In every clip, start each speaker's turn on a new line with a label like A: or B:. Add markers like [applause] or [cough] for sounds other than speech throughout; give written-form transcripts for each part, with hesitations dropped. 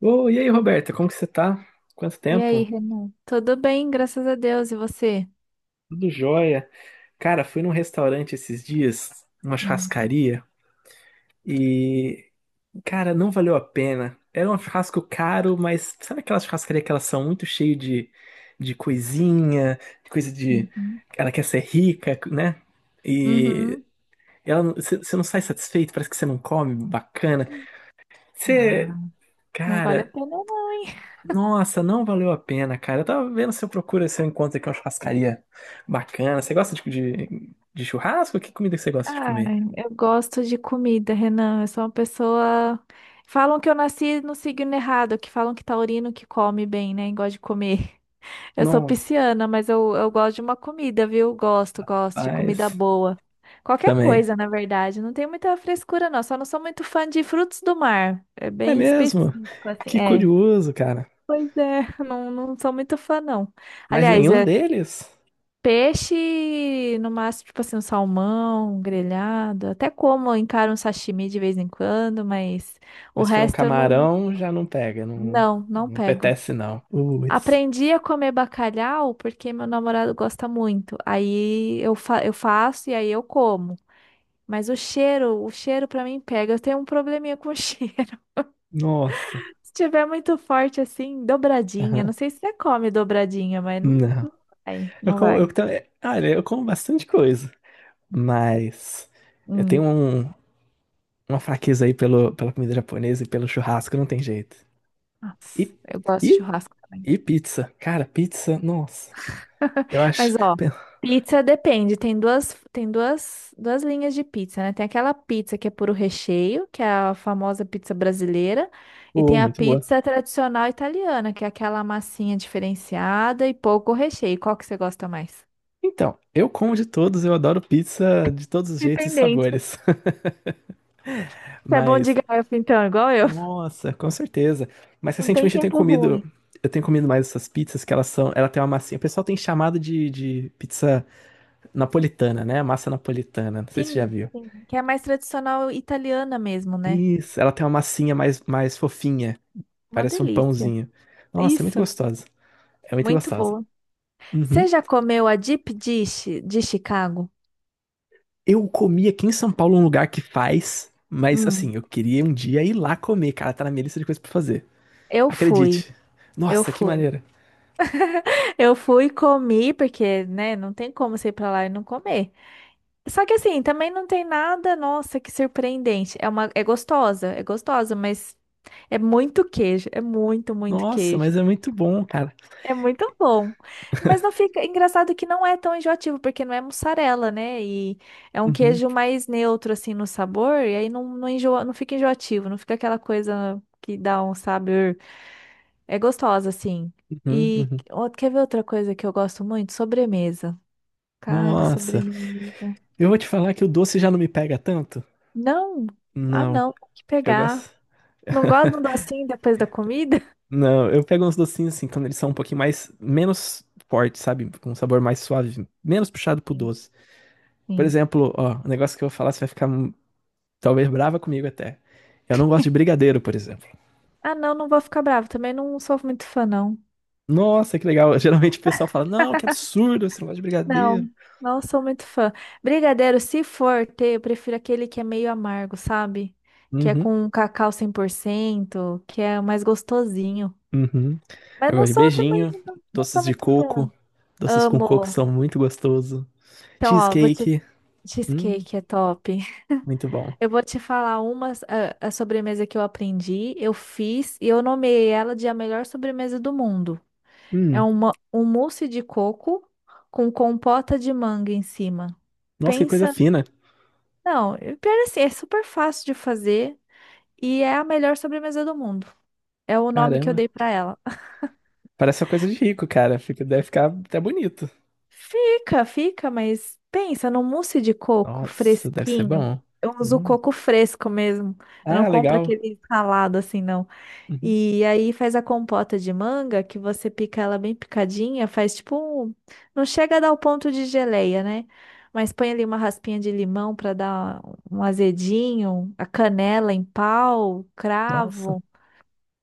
A: Ô, e aí, Roberta, como que você tá? Quanto
B: E aí,
A: tempo?
B: Renan? Tudo bem, graças a Deus. E você?
A: Tudo jóia. Cara, fui num restaurante esses dias, uma
B: Hum.
A: churrascaria, e, cara, não valeu a pena. Era um churrasco caro, mas sabe aquelas churrascarias que elas são muito cheias de coisinha, de coisa de.
B: Uhum.
A: Ela quer ser rica, né? E
B: Uhum.
A: ela, você não sai satisfeito, parece que você não come bacana. Você.
B: Ah, não vale a
A: Cara,
B: pena não, hein?
A: nossa, não valeu a pena, cara. Eu tava vendo se eu procuro, se eu encontro aqui uma churrascaria bacana. Você gosta de, de churrasco? Que comida que você gosta de
B: Ah,
A: comer?
B: eu gosto de comida, Renan. Eu sou uma pessoa. Falam que eu nasci no signo errado, que falam que taurino que come bem, né? E gosta de comer. [laughs] Eu sou
A: Nossa,
B: pisciana, mas eu gosto de uma comida, viu? Gosto de comida
A: paz.
B: boa. Qualquer
A: Também.
B: coisa, na verdade. Não tem muita frescura, não. Só não sou muito fã de frutos do mar. É
A: É
B: bem
A: mesmo?
B: específico, assim.
A: Que
B: É.
A: curioso, cara.
B: Pois é, não, não sou muito fã, não.
A: Mas
B: Aliás,
A: nenhum
B: é
A: deles?
B: peixe, no máximo, tipo assim, um salmão, um grelhado. Até como, eu encaro um sashimi de vez em quando, mas o
A: Mas se for um
B: resto eu não,
A: camarão, já não pega. Não,
B: não, não
A: não
B: pego.
A: apetece, não. Putz.
B: Aprendi a comer bacalhau porque meu namorado gosta muito. Aí eu faço e aí eu como. Mas o cheiro pra mim pega. Eu tenho um probleminha com [laughs] cheiro.
A: Nossa.
B: Se tiver muito forte assim, dobradinha.
A: Aham.
B: Não sei se você come dobradinha, mas não,
A: Não.
B: não vai,
A: Eu
B: não
A: como,
B: vai.
A: olha, eu como bastante coisa. Mas eu tenho
B: Hum,
A: um. Uma fraqueza aí pelo, pela comida japonesa e pelo churrasco, não tem jeito.
B: Nossa,
A: E,
B: eu gosto de
A: e,
B: churrasco também.
A: e pizza. Cara, pizza, nossa.
B: [laughs]
A: Eu acho.
B: Mas ó,
A: [laughs]
B: pizza depende. Tem duas linhas de pizza, né? Tem aquela pizza que é puro recheio, que é a famosa pizza brasileira, e
A: Oh,
B: tem a
A: muito boa.
B: pizza tradicional italiana, que é aquela massinha diferenciada e pouco recheio. Qual que você gosta mais?
A: Então, eu como de todos, eu adoro pizza de todos os jeitos e
B: Dependente.
A: sabores. [laughs]
B: Você é bom de
A: Mas,
B: garfo, então, igual eu. [laughs]
A: nossa, com certeza. Mas
B: Não tem
A: recentemente eu tenho
B: tempo
A: comido.
B: ruim.
A: Eu tenho comido mais essas pizzas que elas são. Ela tem uma massinha. O pessoal tem chamado de pizza napolitana, né? Massa napolitana. Não sei se você
B: Sim,
A: já viu.
B: sim. Que é mais tradicional italiana mesmo, né?
A: Isso, ela tem uma massinha mais, mais fofinha.
B: Uma
A: Parece um
B: delícia.
A: pãozinho. Nossa, é muito
B: Isso,
A: gostosa. É muito
B: muito
A: gostosa.
B: boa.
A: Uhum.
B: Você já comeu a deep dish de Chicago?
A: Eu comi aqui em São Paulo um lugar que faz, mas assim,
B: Hum,
A: eu queria um dia ir lá comer, cara. Tá na minha lista de coisas pra fazer.
B: eu fui,
A: Acredite.
B: eu
A: Nossa, que
B: fui. [laughs]
A: maneira.
B: Eu fui, comi, porque, né, não tem como você ir pra lá e não comer. Só que assim, também não tem nada, nossa, que surpreendente. É gostosa, é gostosa, mas é muito queijo, é muito, muito
A: Nossa,
B: queijo.
A: mas é muito bom, cara.
B: É muito bom. Mas não fica. Engraçado que não é tão enjoativo, porque não é mussarela, né? E é um
A: Uhum,
B: queijo mais neutro, assim, no sabor. E aí não, não enjoa, não fica enjoativo, não fica aquela coisa que dá um sabor. É gostosa, assim.
A: uhum,
B: E
A: uhum.
B: ó, quer ver outra coisa que eu gosto muito? Sobremesa. Cara,
A: Nossa,
B: sobremesa.
A: eu vou te falar que o doce já não me pega tanto.
B: Não. Ah,
A: Não,
B: não. Tem que
A: eu
B: pegar.
A: gosto.
B: Não gosto de um docinho depois da comida?
A: Não, eu pego uns docinhos assim, quando eles são um pouquinho mais, menos fortes, sabe? Com um sabor mais suave, menos puxado pro
B: Sim.
A: doce. Por
B: Sim.
A: exemplo, ó, o negócio que eu vou falar, você vai ficar talvez brava comigo até. Eu não gosto de brigadeiro, por exemplo.
B: Ah, não, não vou ficar bravo. Também não sou muito fã, não.
A: Nossa, que legal. [laughs] Geralmente o pessoal fala: não, que absurdo, você não gosta de
B: Não,
A: brigadeiro.
B: não sou muito fã. Brigadeiro, se for ter, eu prefiro aquele que é meio amargo, sabe? Que é
A: Uhum,
B: com cacau 100%, que é mais gostosinho.
A: uhum.
B: Mas
A: Eu
B: não
A: gosto de
B: sou também,
A: beijinho,
B: não, não sou
A: doces de
B: muito
A: coco.
B: fã.
A: Doces com coco
B: Amo.
A: são muito gostoso.
B: Então, ó, vou te...
A: Cheesecake. Hum,
B: Cheesecake é top.
A: muito bom.
B: [laughs] Eu vou te falar a sobremesa que eu aprendi, eu fiz e eu nomeei ela de a melhor sobremesa do mundo. É
A: Hum,
B: um mousse de coco com compota de manga em cima.
A: nossa, que coisa
B: Pensa.
A: fina.
B: Não, e pior assim, é super fácil de fazer e é a melhor sobremesa do mundo. É o nome que eu
A: Caramba.
B: dei pra ela.
A: Parece uma coisa de rico, cara. Fica, deve ficar até bonito.
B: Fica, fica, mas pensa no mousse de coco
A: Nossa, deve ser
B: fresquinho.
A: bom.
B: Eu uso
A: Hum.
B: coco fresco mesmo. Eu não
A: Ah,
B: compro
A: legal.
B: aquele ralado assim, não.
A: Uhum.
B: E aí faz a compota de manga, que você pica ela bem picadinha, faz tipo um... Não chega a dar o ponto de geleia, né? Mas põe ali uma raspinha de limão para dar um azedinho, a canela em pau,
A: Nossa,
B: cravo.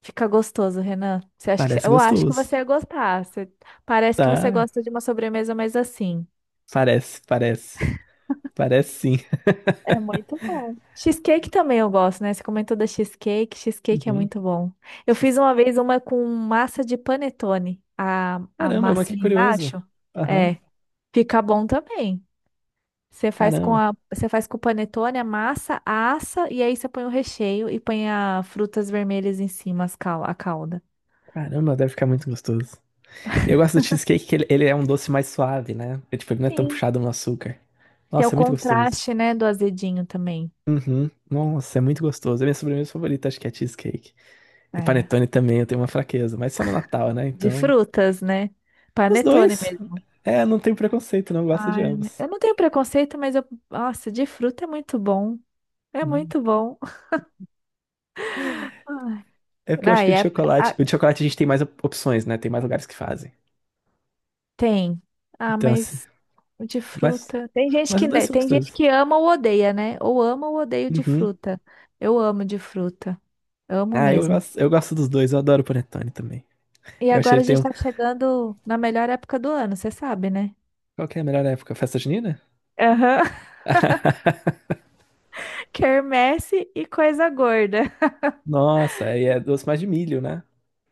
B: Fica gostoso, Renan. Você acha que...
A: parece
B: Eu acho que
A: gostoso.
B: você ia gostar. Você- Parece que você
A: Tá,
B: gosta de uma sobremesa mais assim.
A: parece, parece. Parece sim. [laughs]
B: É muito bom. Cheesecake também eu gosto, né? Você comentou da cheesecake. Cheesecake é
A: Uhum.
B: muito bom. Eu fiz uma vez uma com massa de panetone. A
A: Caramba, mas que
B: massinha
A: curioso.
B: embaixo.
A: Aham.
B: É. Fica bom também. Você faz com
A: Caramba.
B: a, você faz com o panetone, a massa, assa e aí você põe o recheio e põe as frutas vermelhas em cima, a calda.
A: Caramba, deve ficar muito gostoso. Eu gosto do cheesecake que ele é um doce mais suave, né? É, tipo, ele não é tão
B: Sim.
A: puxado no açúcar.
B: Tem o
A: Nossa, é muito gostoso.
B: contraste, né, do azedinho também.
A: Uhum. Nossa, é muito gostoso. É minha sobremesa favorita, acho que é cheesecake. E
B: É.
A: panetone também, eu tenho uma fraqueza, mas só no Natal, né?
B: De
A: Então,
B: frutas, né?
A: os
B: Panetone
A: dois.
B: mesmo.
A: É, não tenho preconceito, não eu gosto de
B: Ai,
A: ambos.
B: eu não tenho preconceito, mas eu. Nossa, de fruta é muito bom. É
A: Hum.
B: muito bom. Ai,
A: É porque eu acho que
B: ai, é- ah,
A: o de chocolate a gente tem mais opções, né? Tem mais lugares que fazem.
B: tem. Ah,
A: Então, assim,
B: mas o de
A: mas
B: fruta. Tem gente
A: Mas os
B: que,
A: dois
B: né,
A: são
B: tem gente
A: gostosos.
B: que ama ou odeia, né? Ou ama ou odeio de
A: Uhum.
B: fruta. Eu amo de fruta. Amo
A: Ah,
B: mesmo.
A: eu gosto dos dois, eu adoro o panetone também.
B: E
A: Eu achei
B: agora a
A: ele tem
B: gente
A: um.
B: tá chegando na melhor época do ano, você sabe, né?
A: Qual que é a melhor época? Festa junina?
B: Aham. [laughs] Quermesse e coisa gorda.
A: Nossa, aí é doce mais de milho, né?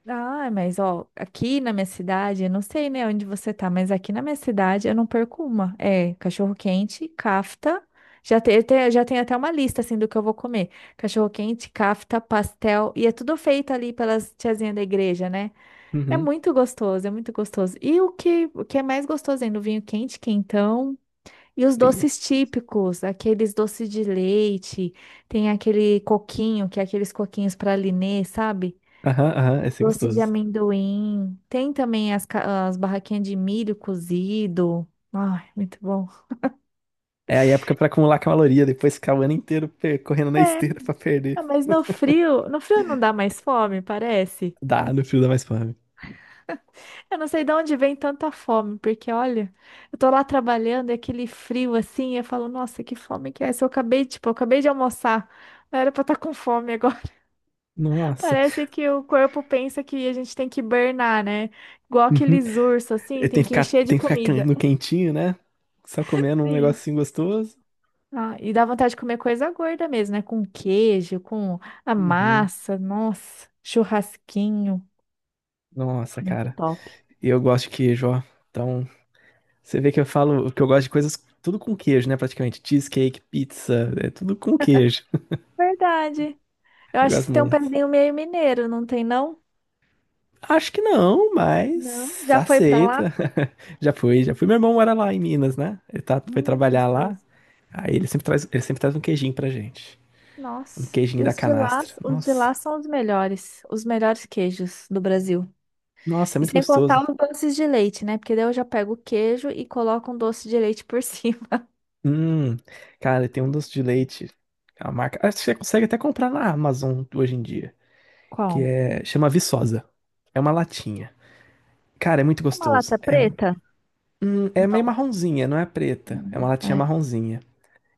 B: Ah, mas ó, aqui na minha cidade, eu não sei, né, onde você tá, mas aqui na minha cidade eu não perco uma. É, cachorro-quente, cafta. Já tem, já tem até uma lista assim do que eu vou comer. Cachorro-quente, cafta, pastel, e é tudo feito ali pelas tiazinhas da igreja, né? É
A: Uhum.
B: muito gostoso, é muito gostoso. E o que é mais gostoso ainda, o vinho quente, quentão, e os
A: Ia.
B: doces típicos, aqueles doces de leite, tem aquele coquinho, que é aqueles coquinhos para Linê, sabe?
A: Aham, aham, esse é
B: Doce de
A: gostoso.
B: amendoim. Tem também as barraquinhas de milho cozido. Ai, muito bom.
A: É a época pra acumular caloria, depois ficar o ano inteiro correndo na
B: É,
A: esteira pra perder.
B: ah, mas no frio não dá mais fome, parece.
A: Dá, no frio dá mais fome.
B: Eu não sei de onde vem tanta fome, porque olha, eu tô lá trabalhando, é aquele frio assim, e eu falo, nossa, que fome que é essa? Eu acabei, tipo, eu acabei de almoçar. Não era pra estar com fome agora. [laughs]
A: Nossa.
B: Parece que o corpo pensa que a gente tem que hibernar, né? Igual
A: Uhum.
B: aqueles ursos, assim,
A: E tem
B: tem
A: que
B: que
A: ficar,
B: encher de
A: tem que ficar
B: comida.
A: no quentinho, né? Só comendo um
B: Sim.
A: negocinho gostoso.
B: Ah, e dá vontade de comer coisa gorda mesmo, né? Com queijo, com a
A: Uhum.
B: massa, nossa, churrasquinho,
A: Nossa,
B: muito
A: cara.
B: top.
A: E eu gosto de queijo, ó. Então, você vê que eu falo que eu gosto de coisas tudo com queijo, né? Praticamente. Cheesecake, pizza, é tudo com queijo. [laughs]
B: Verdade. Eu
A: Eu
B: acho que
A: gosto
B: você tem um
A: muito.
B: pezinho meio mineiro, não tem não?
A: Acho que não,
B: Não.
A: mas
B: Já foi pra lá?
A: aceita. [laughs] Já fui, já fui. Meu irmão mora lá em Minas, né? Ele tá, foi
B: Hum,
A: trabalhar lá.
B: gostoso.
A: Aí ele sempre traz um queijinho pra gente. Um
B: Nossa,
A: queijinho
B: e
A: da
B: os de lá,
A: canastra.
B: os de
A: Nossa.
B: lá são os melhores queijos do Brasil.
A: Nossa, é
B: E
A: muito
B: sem contar
A: gostoso.
B: os doces de leite, né? Porque daí eu já pego o queijo e coloco um doce de leite por [laughs] cima.
A: Hum, cara, tem um doce de leite. A marca. Acho que você consegue até comprar na Amazon hoje em dia. Que
B: Qual?
A: é. Chama Viçosa. É uma latinha. Cara, é muito
B: Uma
A: gostoso.
B: lata
A: É,
B: preta?
A: hum, é meio
B: Não.
A: marronzinha, não é preta. É uma latinha
B: Não.
A: marronzinha.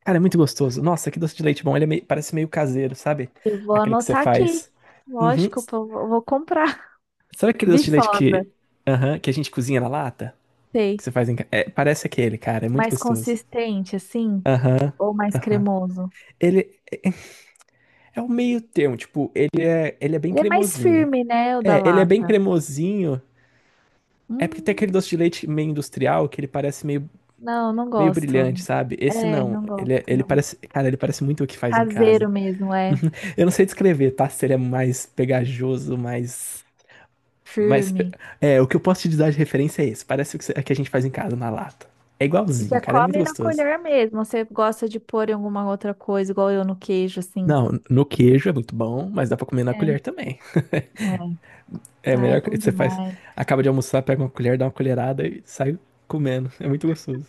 A: Cara, é muito gostoso. Nossa, que doce de leite bom. Ele é parece meio caseiro, sabe?
B: Eu vou
A: Aquele que você
B: anotar aqui.
A: faz. Uhum.
B: Lógico, pô, eu vou comprar. [laughs]
A: Sabe aquele doce de leite
B: Viçosa,
A: que, aham, que a gente cozinha na lata? Que
B: sei.
A: você faz em casa? Parece aquele, cara. É muito
B: Mais
A: gostoso.
B: consistente, assim?
A: Aham,
B: Ou mais
A: aham.
B: cremoso?
A: Ele é o meio termo, tipo, ele é bem
B: Ele é mais
A: cremosinho.
B: firme, né? O da
A: É, ele é bem
B: lata.
A: cremosinho. É porque tem aquele
B: Hum,
A: doce de leite meio industrial que ele parece meio,
B: não, não
A: meio
B: gosto.
A: brilhante, sabe? Esse
B: É,
A: não.
B: não gosto,
A: Ele
B: não.
A: parece, cara, ele parece muito o que faz em
B: Caseiro
A: casa.
B: mesmo, é.
A: Eu não sei descrever, tá? Seria mais pegajoso, mais. Mas
B: Firme.
A: é, o que eu posso te dar de referência é esse. Parece o que a que a gente faz em casa, na lata. É
B: E
A: igualzinho,
B: você
A: cara, é muito
B: come na
A: gostoso.
B: colher mesmo. Você gosta de pôr em alguma outra coisa, igual eu no queijo, assim.
A: Não, no queijo é muito bom, mas dá pra comer na
B: É.
A: colher também.
B: É.
A: É a
B: Ai,
A: melhor que
B: bom
A: você faz.
B: demais.
A: Acaba de almoçar, pega uma colher, dá uma colherada e sai comendo. É muito gostoso.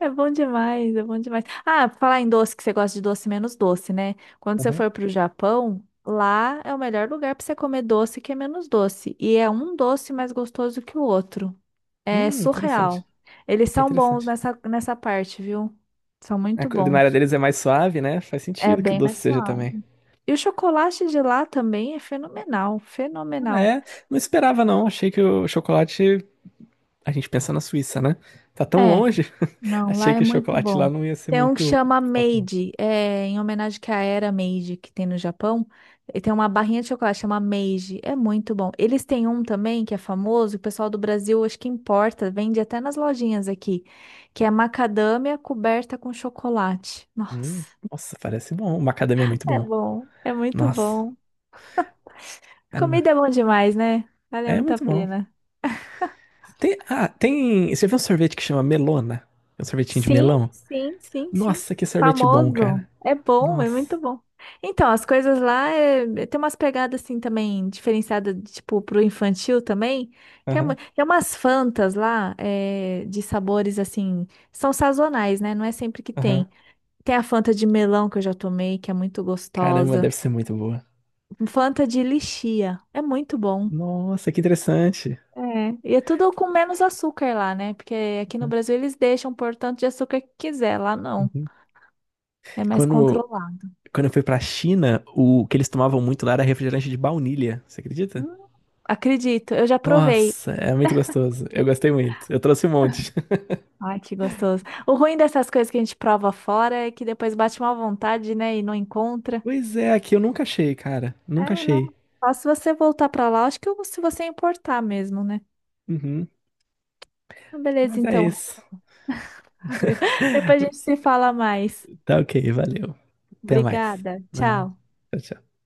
B: É bom demais, é bom demais. Ah, pra falar em doce, que você gosta de doce menos doce, né? Quando você
A: Uhum.
B: for pro Japão, lá é o melhor lugar pra você comer doce que é menos doce. E é um doce mais gostoso que o outro. É
A: Interessante.
B: surreal. Eles
A: É
B: são bons
A: interessante.
B: nessa parte, viu? São
A: A
B: muito
A: culinária
B: bons.
A: deles é mais suave, né? Faz
B: É
A: sentido que o
B: bem
A: doce
B: mais
A: seja
B: suave.
A: também.
B: E o chocolate de lá também é fenomenal,
A: Ah,
B: fenomenal.
A: é? Não esperava, não. Achei que o chocolate a gente pensa na Suíça, né? Tá tão
B: É.
A: longe. [laughs]
B: Não, lá
A: Achei
B: é
A: que o
B: muito
A: chocolate
B: bom.
A: lá não ia ser
B: Tem um que
A: muito.
B: chama
A: Foco, não.
B: Made, é, em homenagem que à era Meiji que tem no Japão. E tem uma barrinha de chocolate chama Meiji, é muito bom. Eles têm um também que é famoso, o pessoal do Brasil acho que importa, vende até nas lojinhas aqui, que é macadâmia coberta com chocolate.
A: Hum,
B: Nossa,
A: nossa, parece bom. O macadamia é muito
B: é
A: bom.
B: bom, é muito
A: Nossa,
B: bom.
A: caramba.
B: Comida é bom demais, né? Vale
A: É
B: muito a
A: muito bom.
B: pena.
A: Tem, ah, tem. Você viu um sorvete que chama melona? É um sorvetinho de
B: Sim,
A: melão?
B: sim, sim, sim.
A: Nossa, que sorvete bom, cara.
B: Famoso. É bom, é
A: Nossa.
B: muito bom. Então, as coisas lá é, tem umas pegadas assim também, diferenciadas, tipo, pro infantil também, que é,
A: Aham,
B: tem umas fantas lá é, de sabores assim, são sazonais, né? Não é sempre que
A: aham.
B: tem. Tem a Fanta de melão que eu já tomei, que é muito
A: Caramba,
B: gostosa.
A: deve ser muito boa.
B: Fanta de lichia, é muito bom.
A: Nossa, que interessante.
B: É, e é tudo com menos açúcar lá, né? Porque aqui no Brasil eles deixam por tanto de açúcar que quiser, lá não.
A: Uhum.
B: É mais
A: Quando,
B: controlado.
A: quando eu fui pra China, o que eles tomavam muito lá era refrigerante de baunilha. Você acredita?
B: Hum, acredito, eu já provei.
A: Nossa, é muito gostoso. Eu gostei muito. Eu trouxe um monte. [laughs]
B: Ai, que gostoso. O ruim dessas coisas que a gente prova fora é que depois bate uma vontade, né, e não encontra.
A: Pois é, aqui eu nunca achei, cara. Nunca
B: É, não.
A: achei.
B: Só se você voltar pra lá, acho que se você importar mesmo, né?
A: Uhum.
B: Ah, beleza,
A: Mas é
B: então. [laughs]
A: isso.
B: Valeu. Depois a gente se fala mais.
A: Tá ok, valeu. Até mais.
B: Obrigada.
A: Né?
B: Tchau.
A: Tchau, tchau.